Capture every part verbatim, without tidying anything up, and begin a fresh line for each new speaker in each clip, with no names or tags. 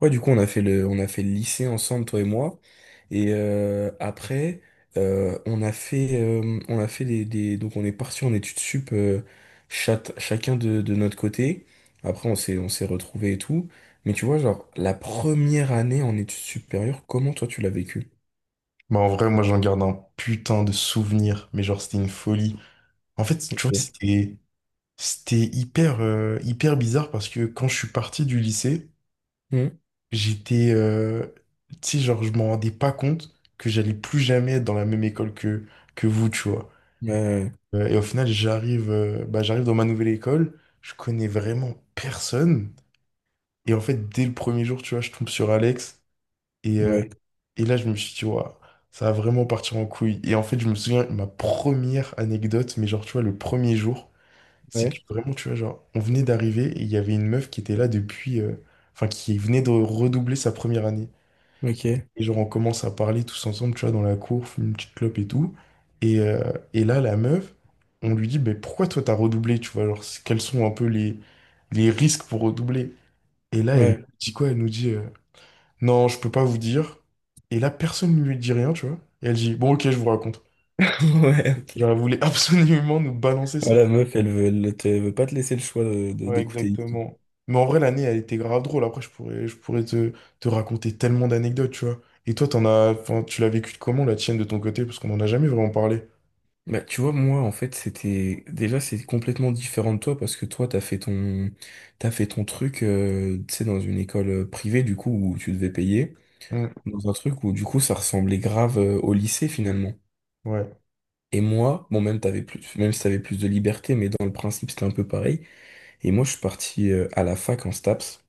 Ouais, du coup, on a fait le, on a fait le lycée ensemble, toi et moi. Et euh, après, euh, on a fait, euh, on a fait des, des- donc on est parti en études sup, euh, chat- chacun de, de notre côté. Après, on s'est, on s'est retrouvés et tout. Mais tu vois, genre, la première année en études supérieures, comment toi tu l'as vécu?
Bah en vrai, moi j'en garde un putain de souvenir, mais genre c'était une folie. En fait, tu vois,
Ok.
c'était c'était hyper euh, hyper bizarre parce que quand je suis parti du lycée,
Hmm.
j'étais euh, tu sais genre je m'en rendais pas compte que j'allais plus jamais être dans la même école que que vous, tu vois.
Ouais,
Euh, et au final, j'arrive euh, bah j'arrive dans ma nouvelle école, je connais vraiment personne et en fait dès le premier jour, tu vois, je tombe sur Alex. Et euh,
ouais,
Et là, je me suis dit, waouh, ça va vraiment partir en couille. Et en fait, je me souviens, ma première anecdote, mais genre, tu vois, le premier jour, c'est que
ouais,
vraiment, tu vois, genre, on venait d'arriver et il y avait une meuf qui était là depuis, euh, enfin, qui venait de redoubler sa première année.
ok,
Et genre, on commence à parler tous ensemble, tu vois, dans la cour, fume une petite clope et tout. Et, euh, et là, la meuf, on lui dit, mais pourquoi toi, t'as redoublé, tu vois, genre, c'est- quels sont un peu les, les risques pour redoubler? Et là, elle
ouais,
dit quoi? Elle nous dit. Euh, non, je peux pas vous dire. Et là, personne ne lui dit rien, tu vois. Et elle dit, bon, ok, je vous raconte.
ouais, ok.
Genre, elle voulait absolument nous balancer son...
Voilà, meuf, elle veut, elle te- elle veut pas te laisser le choix de, de-
Ouais,
d'écouter.
exactement. Mais en vrai, l'année, elle était grave drôle. Après, je pourrais, je pourrais te, te raconter tellement d'anecdotes, tu vois. Et toi, t'en as... enfin, tu l'as vécu comment, la tienne, de ton côté? Parce qu'on en a jamais vraiment parlé.
Bah, tu vois, moi, en fait, c'était, déjà, c'est complètement différent de toi parce que toi, t'as fait ton, t'as fait ton truc, euh, tu sais, dans une école euh, privée, du coup, où tu devais payer,
Hmm.
dans un truc où, du coup, ça ressemblait grave, euh, au lycée, finalement.
Ouais,
Et moi, bon, même t'avais plus, même si t'avais plus de liberté, mais dans le principe, c'était un peu pareil. Et moi, je suis parti, euh, à la fac en STAPS.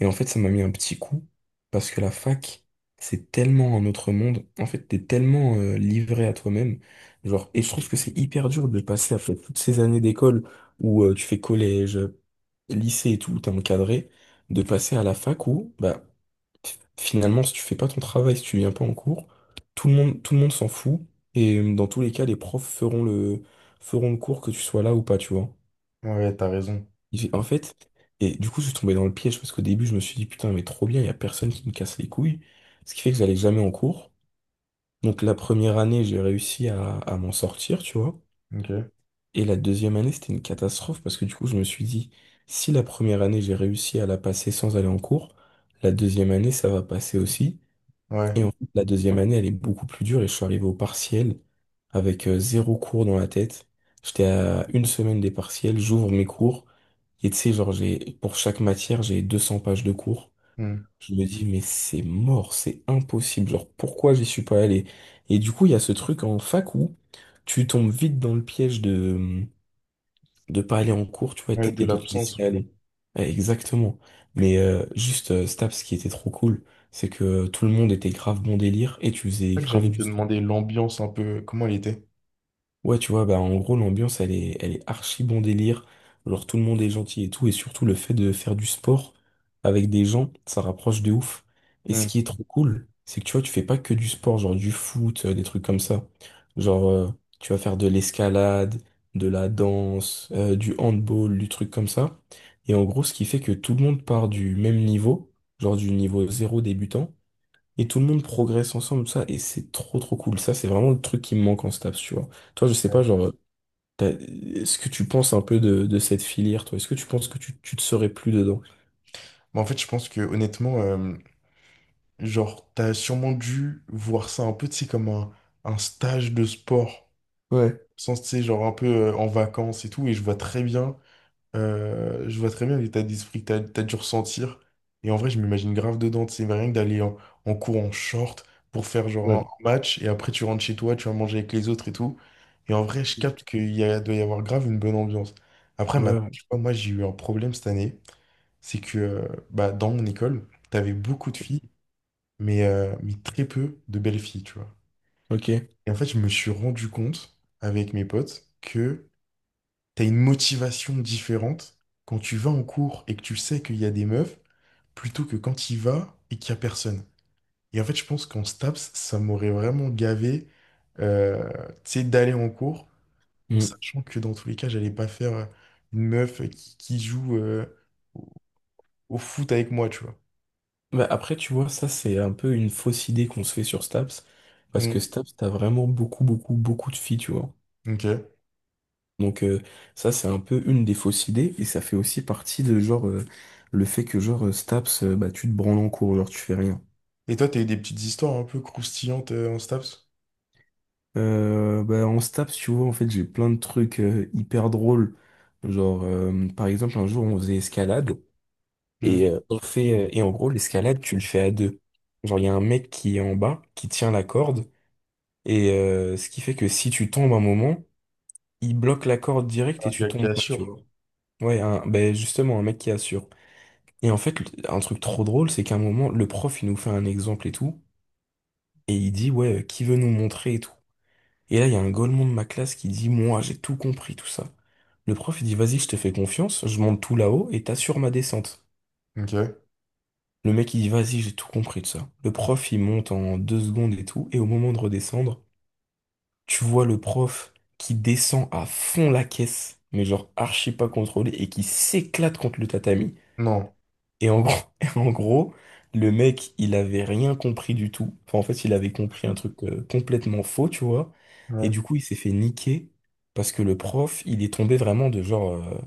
Et en fait, ça m'a mis un petit coup, parce que la fac, c'est tellement un autre monde. En fait, t'es tellement euh, livré à toi-même. Genre, et je trouve que c'est hyper dur de passer après toutes ces années d'école où euh, tu fais collège, lycée et tout, où t'es encadré, de passer à la fac où, bah, finalement, si tu fais pas ton travail, si tu viens pas en cours, tout le monde, tout le monde s'en fout. Et euh, dans tous les cas, les profs feront le, feront le cours que tu sois là ou pas, tu vois.
ouais, t'as raison.
J'ai- En fait, et du coup, je suis tombé dans le piège parce qu'au début, je me suis dit, putain, mais trop bien, il y a personne qui me casse les couilles. Ce qui fait que j'allais jamais en cours. Donc, la première année, j'ai réussi à, à m'en sortir, tu vois.
Ok.
Et la deuxième année, c'était une catastrophe parce que du coup, je me suis dit, si la première année, j'ai réussi à la passer sans aller en cours, la deuxième année, ça va passer aussi. Et
Ouais.
en fait, la deuxième année, elle est beaucoup plus dure et je suis arrivé au partiel avec euh, zéro cours dans la tête. J'étais à une semaine des partiels, j'ouvre mes cours. Et tu sais, genre, j'ai, pour chaque matière, j'ai deux cents pages de cours.
Hmm.
Je me dis, mais c'est mort, c'est impossible. Genre, pourquoi j'y suis pas allé? Et du coup, il y a ce truc en fac où tu tombes vite dans le piège de, de pas aller en cours, tu vois, et
Ouais,
te-
de
et de te
l'absence,
laisser
ouais.
aller. Ouais, exactement. Mais euh, juste, euh, Staps, ce qui était trop cool, c'est que tout le monde était grave bon délire et tu
C'est
faisais
ça que
grave
j'allais
du
te demander, l'ambiance un peu, comment elle était?
Ouais, tu vois, bah, en gros, l'ambiance, elle est, elle est archi bon délire. Genre, tout le monde est gentil et tout. Et surtout, le fait de faire du sport avec des gens, ça rapproche de ouf. Et
Hmm.
ce qui est trop cool, c'est que tu vois, tu fais pas que du sport, genre du foot, euh, des trucs comme ça. Genre, euh, tu vas faire de l'escalade, de la danse, euh, du handball, du truc comme ça. Et en gros, ce qui fait que tout le monde part du même niveau, genre du niveau zéro débutant. Et tout le monde progresse ensemble, ça, et c'est trop trop cool. Ça, c'est vraiment le truc qui me manque en STAPS, tu vois. Toi, je sais
Ouais.
pas, genre, t'as- est-ce que tu penses un peu de, de cette filière, toi? Est-ce que tu penses que tu, tu te serais plus dedans?
Mais en fait, je pense que honnêtement, euh, genre, t'as sûrement dû voir ça un peu, tu sais, comme un, un stage de sport.
Ouais.
Sans, tu sais, genre un peu euh, en vacances et tout. Et je vois très bien, euh, je vois très bien l'état d'esprit que t'as, t'as dû ressentir. Et en vrai, je m'imagine grave dedans, tu sais, mais rien que d'aller en, en cours en short pour faire genre
Ouais.
un match. Et après, tu rentres chez toi, tu vas manger avec les autres et tout. Et en vrai, je capte qu'il y a- doit y avoir grave une bonne ambiance. Après, maintenant,
Ouais,
tu vois, moi, j'ai eu un problème cette année. C'est que euh, bah, dans mon école, t'avais beaucoup de filles mais, euh, mais très peu de belles filles, tu vois.
ok.
Et en fait, je me suis rendu compte avec mes potes que t'as une motivation différente quand tu vas en cours et que tu sais qu'il y a des meufs, plutôt que quand tu y vas et qu'il y a personne. Et en fait, je pense qu'en STAPS, ça m'aurait vraiment gavé, euh, tu sais, d'aller en cours, en
Mm.
sachant que dans tous les cas, j'allais pas faire une meuf qui, qui joue euh, au foot avec moi, tu vois.
Bah, après, tu vois, ça, c'est un peu une fausse idée qu'on se fait sur STAPS, parce que
Mm.
STAPS, t'as vraiment beaucoup, beaucoup, beaucoup de filles, tu vois.
Ok.
Donc, euh, ça, c'est un peu une des fausses idées, et ça fait aussi partie de, genre, euh, le fait que, genre, euh, STAPS, euh, bah, tu te branles en cours, genre, tu fais rien.
Et toi, t'as eu des petites histoires un peu croustillantes euh, en STAPS?
Euh, bah, on se tape, si tu vois, en fait, j'ai plein de trucs euh, hyper drôles. Genre, euh, par exemple, un jour, on faisait escalade
Mm.
et euh, on fait, euh, et en gros, l'escalade, tu le fais à deux. Genre, il y a un mec qui est en bas, qui tient la corde, et euh, ce qui fait que si tu tombes un moment, il bloque la corde direct et tu
Qui, qui
tombes pas, tu
assurent.
vois. Ouais, un- ben, justement, un mec qui assure. Et en fait, le- un truc trop drôle, c'est qu'à un moment, le prof, il nous fait un exemple et tout, et il dit, ouais, euh, qui veut nous montrer et tout. Et là, il y a un golemon de ma classe qui dit, moi, j'ai tout compris, tout ça. Le prof, il dit, vas-y, je te fais confiance, je monte tout là-haut et t'assures ma descente.
Ok.
Le mec, il dit, vas-y, j'ai tout compris, tout ça. Le prof, il monte en deux secondes et tout, et au moment de redescendre, tu vois le prof qui descend à fond la caisse, mais genre archi pas contrôlé, et qui s'éclate contre le tatami.
Non.
Et en gros, et en gros, le mec, il avait rien compris du tout. Enfin, en fait, il avait compris un truc euh, complètement faux, tu vois. Et
Ouais.
du coup, il s'est fait niquer parce que le prof, il est tombé vraiment de genre euh,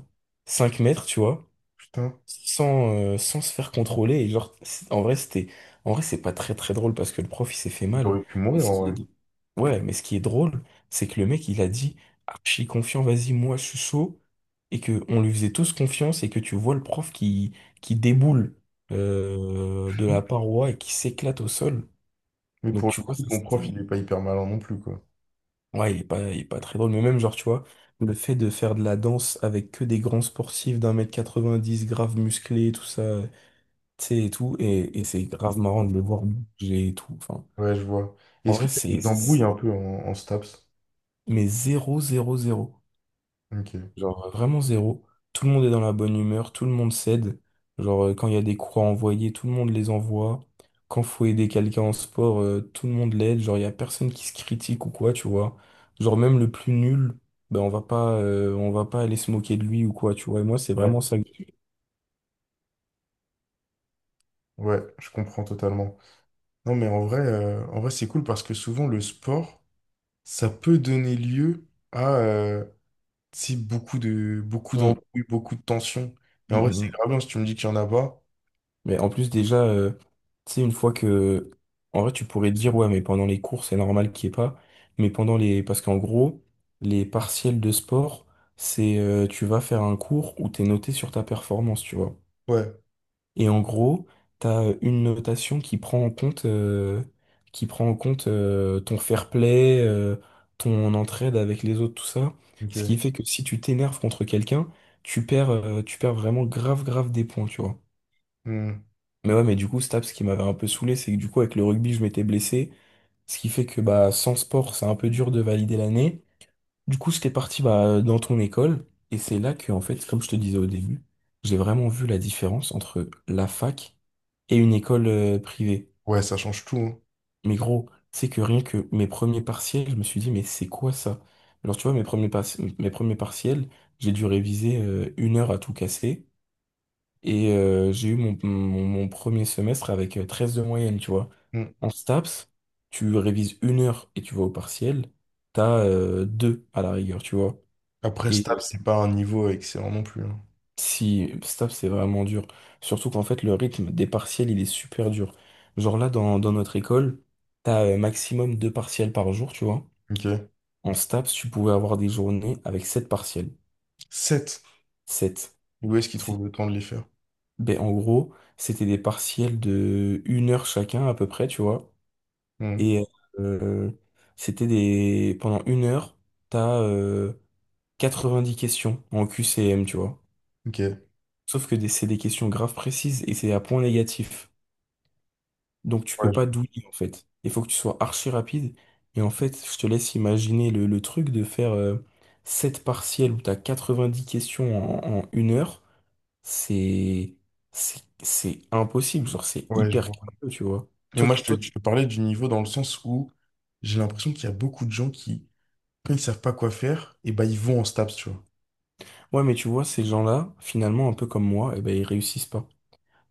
cinq mètres, tu vois,
Putain.
sans, euh, sans se faire contrôler. Et genre, c'est- en vrai, c'était, en vrai, c'est pas très très drôle parce que le prof, il s'est fait
Il
mal.
aurait pu
Mais
mourir
ce
en
qui est
vrai.
Ouais, mais ce qui est drôle, c'est que le mec, il a dit archi confiant, vas-y, moi, je suis chaud, et que on lui faisait tous confiance, et que tu vois le prof qui, qui déboule euh, de la paroi et qui s'éclate au sol.
Mais
Donc,
pour
tu
le
vois,
coup,
ça,
ton prof,
c'était.
il est pas hyper malin non plus, quoi.
Ouais, il est pas, il est pas très drôle, mais même, genre, tu vois, le fait de faire de la danse avec que des grands sportifs d'un mètre quatre-vingt-dix, grave musclés, tout ça, tu sais, et tout, et, et c'est grave marrant de le voir bouger et tout. Enfin,
Ouais, je vois.
en
Est-ce que
vrai,
t'as
c'est,
des embrouilles
c'est,
un peu en, en STAPS?
mais zéro, zéro, zéro.
Ok.
Genre euh, vraiment zéro. Tout le monde est dans la bonne humeur, tout le monde s'aide. Genre euh, quand il y a des croix à envoyer, tout le monde les envoie. Quand faut aider quelqu'un en sport, euh, tout le monde l'aide. Genre il y a personne qui se critique ou quoi, tu vois. Genre même le plus nul, ben on va pas, euh, on va pas aller se moquer de lui ou quoi, tu vois. Et moi c'est
Ouais.
vraiment ça. que-
Ouais, je comprends totalement. Non, mais en vrai, euh, en vrai, c'est cool parce que souvent, le sport, ça peut donner lieu à euh, tu sais, beaucoup de, beaucoup
Mm,
d'embrouilles, beaucoup de tensions. Et
mm,
en vrai, c'est
mm.
grave bien si tu me dis qu'il y en a pas.
Mais en plus, déjà, euh, tu sais, une fois que. En vrai, tu pourrais te dire, ouais, mais pendant les cours, c'est normal qu'il n'y ait pas. Mais pendant les. Parce qu'en gros, les partiels de sport, c'est. Euh, tu vas faire un cours où t'es noté sur ta performance, tu vois.
Ouais.
Et en gros, t'as euh, une notation qui prend en compte. euh, qui prend en compte euh, ton fair play, euh, ton entraide avec les autres, tout ça. Ce qui
Ok.
fait que si tu t'énerves contre quelqu'un, tu perds, euh, tu perds vraiment grave, grave des points, tu vois.
Hmm.
Mais ouais, mais du coup, Staps, ce qui m'avait un peu saoulé, c'est que du coup, avec le rugby, je m'étais blessé. Ce qui fait que bah, sans sport, c'est un peu dur de valider l'année. Du coup, j'étais parti bah, dans ton école. Et c'est là que, en fait, comme je te disais au début, j'ai vraiment vu la différence entre la fac et une école euh, privée.
Ouais, ça change tout, hein.
Mais gros, c'est que rien que mes premiers partiels, je me suis dit, mais c'est quoi ça? Alors, tu vois, mes premiers, par- mes premiers partiels, j'ai dû réviser euh, une heure à tout casser. Et euh, j'ai eu mon, mon, mon premier semestre avec euh, treize de moyenne, tu vois.
Hmm.
En STAPS, tu révises une heure et tu vas au partiel, t'as euh, deux à la rigueur, tu vois.
Après, stable,
Et
c'est pas un niveau excellent non plus, hein.
si STAPS, c'est vraiment dur. Surtout qu'en fait, le rythme des partiels, il est super dur. Genre là, dans, dans notre école, t'as euh, maximum deux partiels par jour, tu vois.
Ok.
En STAPS, tu pouvais avoir des journées avec sept partiels.
Sept.
Sept.
Où est-ce qu'il
C'est-
trouve le temps de les faire?
Ben, en gros, c'était des partiels de une heure chacun à peu près, tu vois.
Hmm.
Et euh, c'était des... pendant une heure, t'as euh, quatre-vingt-dix questions en Q C M, tu vois.
Ok.
Sauf que des- c'est des questions graves précises et c'est à point négatif. Donc tu peux
Ouais,
pas douiller, en fait. Il faut que tu sois archi rapide. Et en fait, je te laisse imaginer le, le truc de faire euh, sept partiels où t'as quatre-vingt-dix questions en, en une heure. C'est... C'est c'est impossible. Genre, c'est
je ouais, je
hyper
vois.
curieux, tu vois.
Mais
Toi,
moi,
t-
je te,
toi, t-
je te parlais du niveau dans le sens où j'ai l'impression qu'il y a beaucoup de gens qui, quand ils savent pas quoi faire, et ben ils vont en STAPS, tu vois.
ouais, mais tu vois, ces gens-là, finalement, un peu comme moi, eh ben, ils réussissent pas.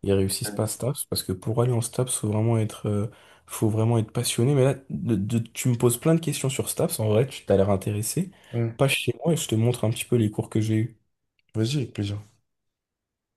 Ils réussissent pas à STAPS parce que pour aller en STAPS, faut vraiment être, euh, faut vraiment être passionné. Mais là, de- de- tu me poses plein de questions sur STAPS. En vrai, tu t'as l'air intéressé.
Hmm.
Passe chez moi et je te montre un petit peu les cours que j'ai eus.
Vas-y, avec plaisir.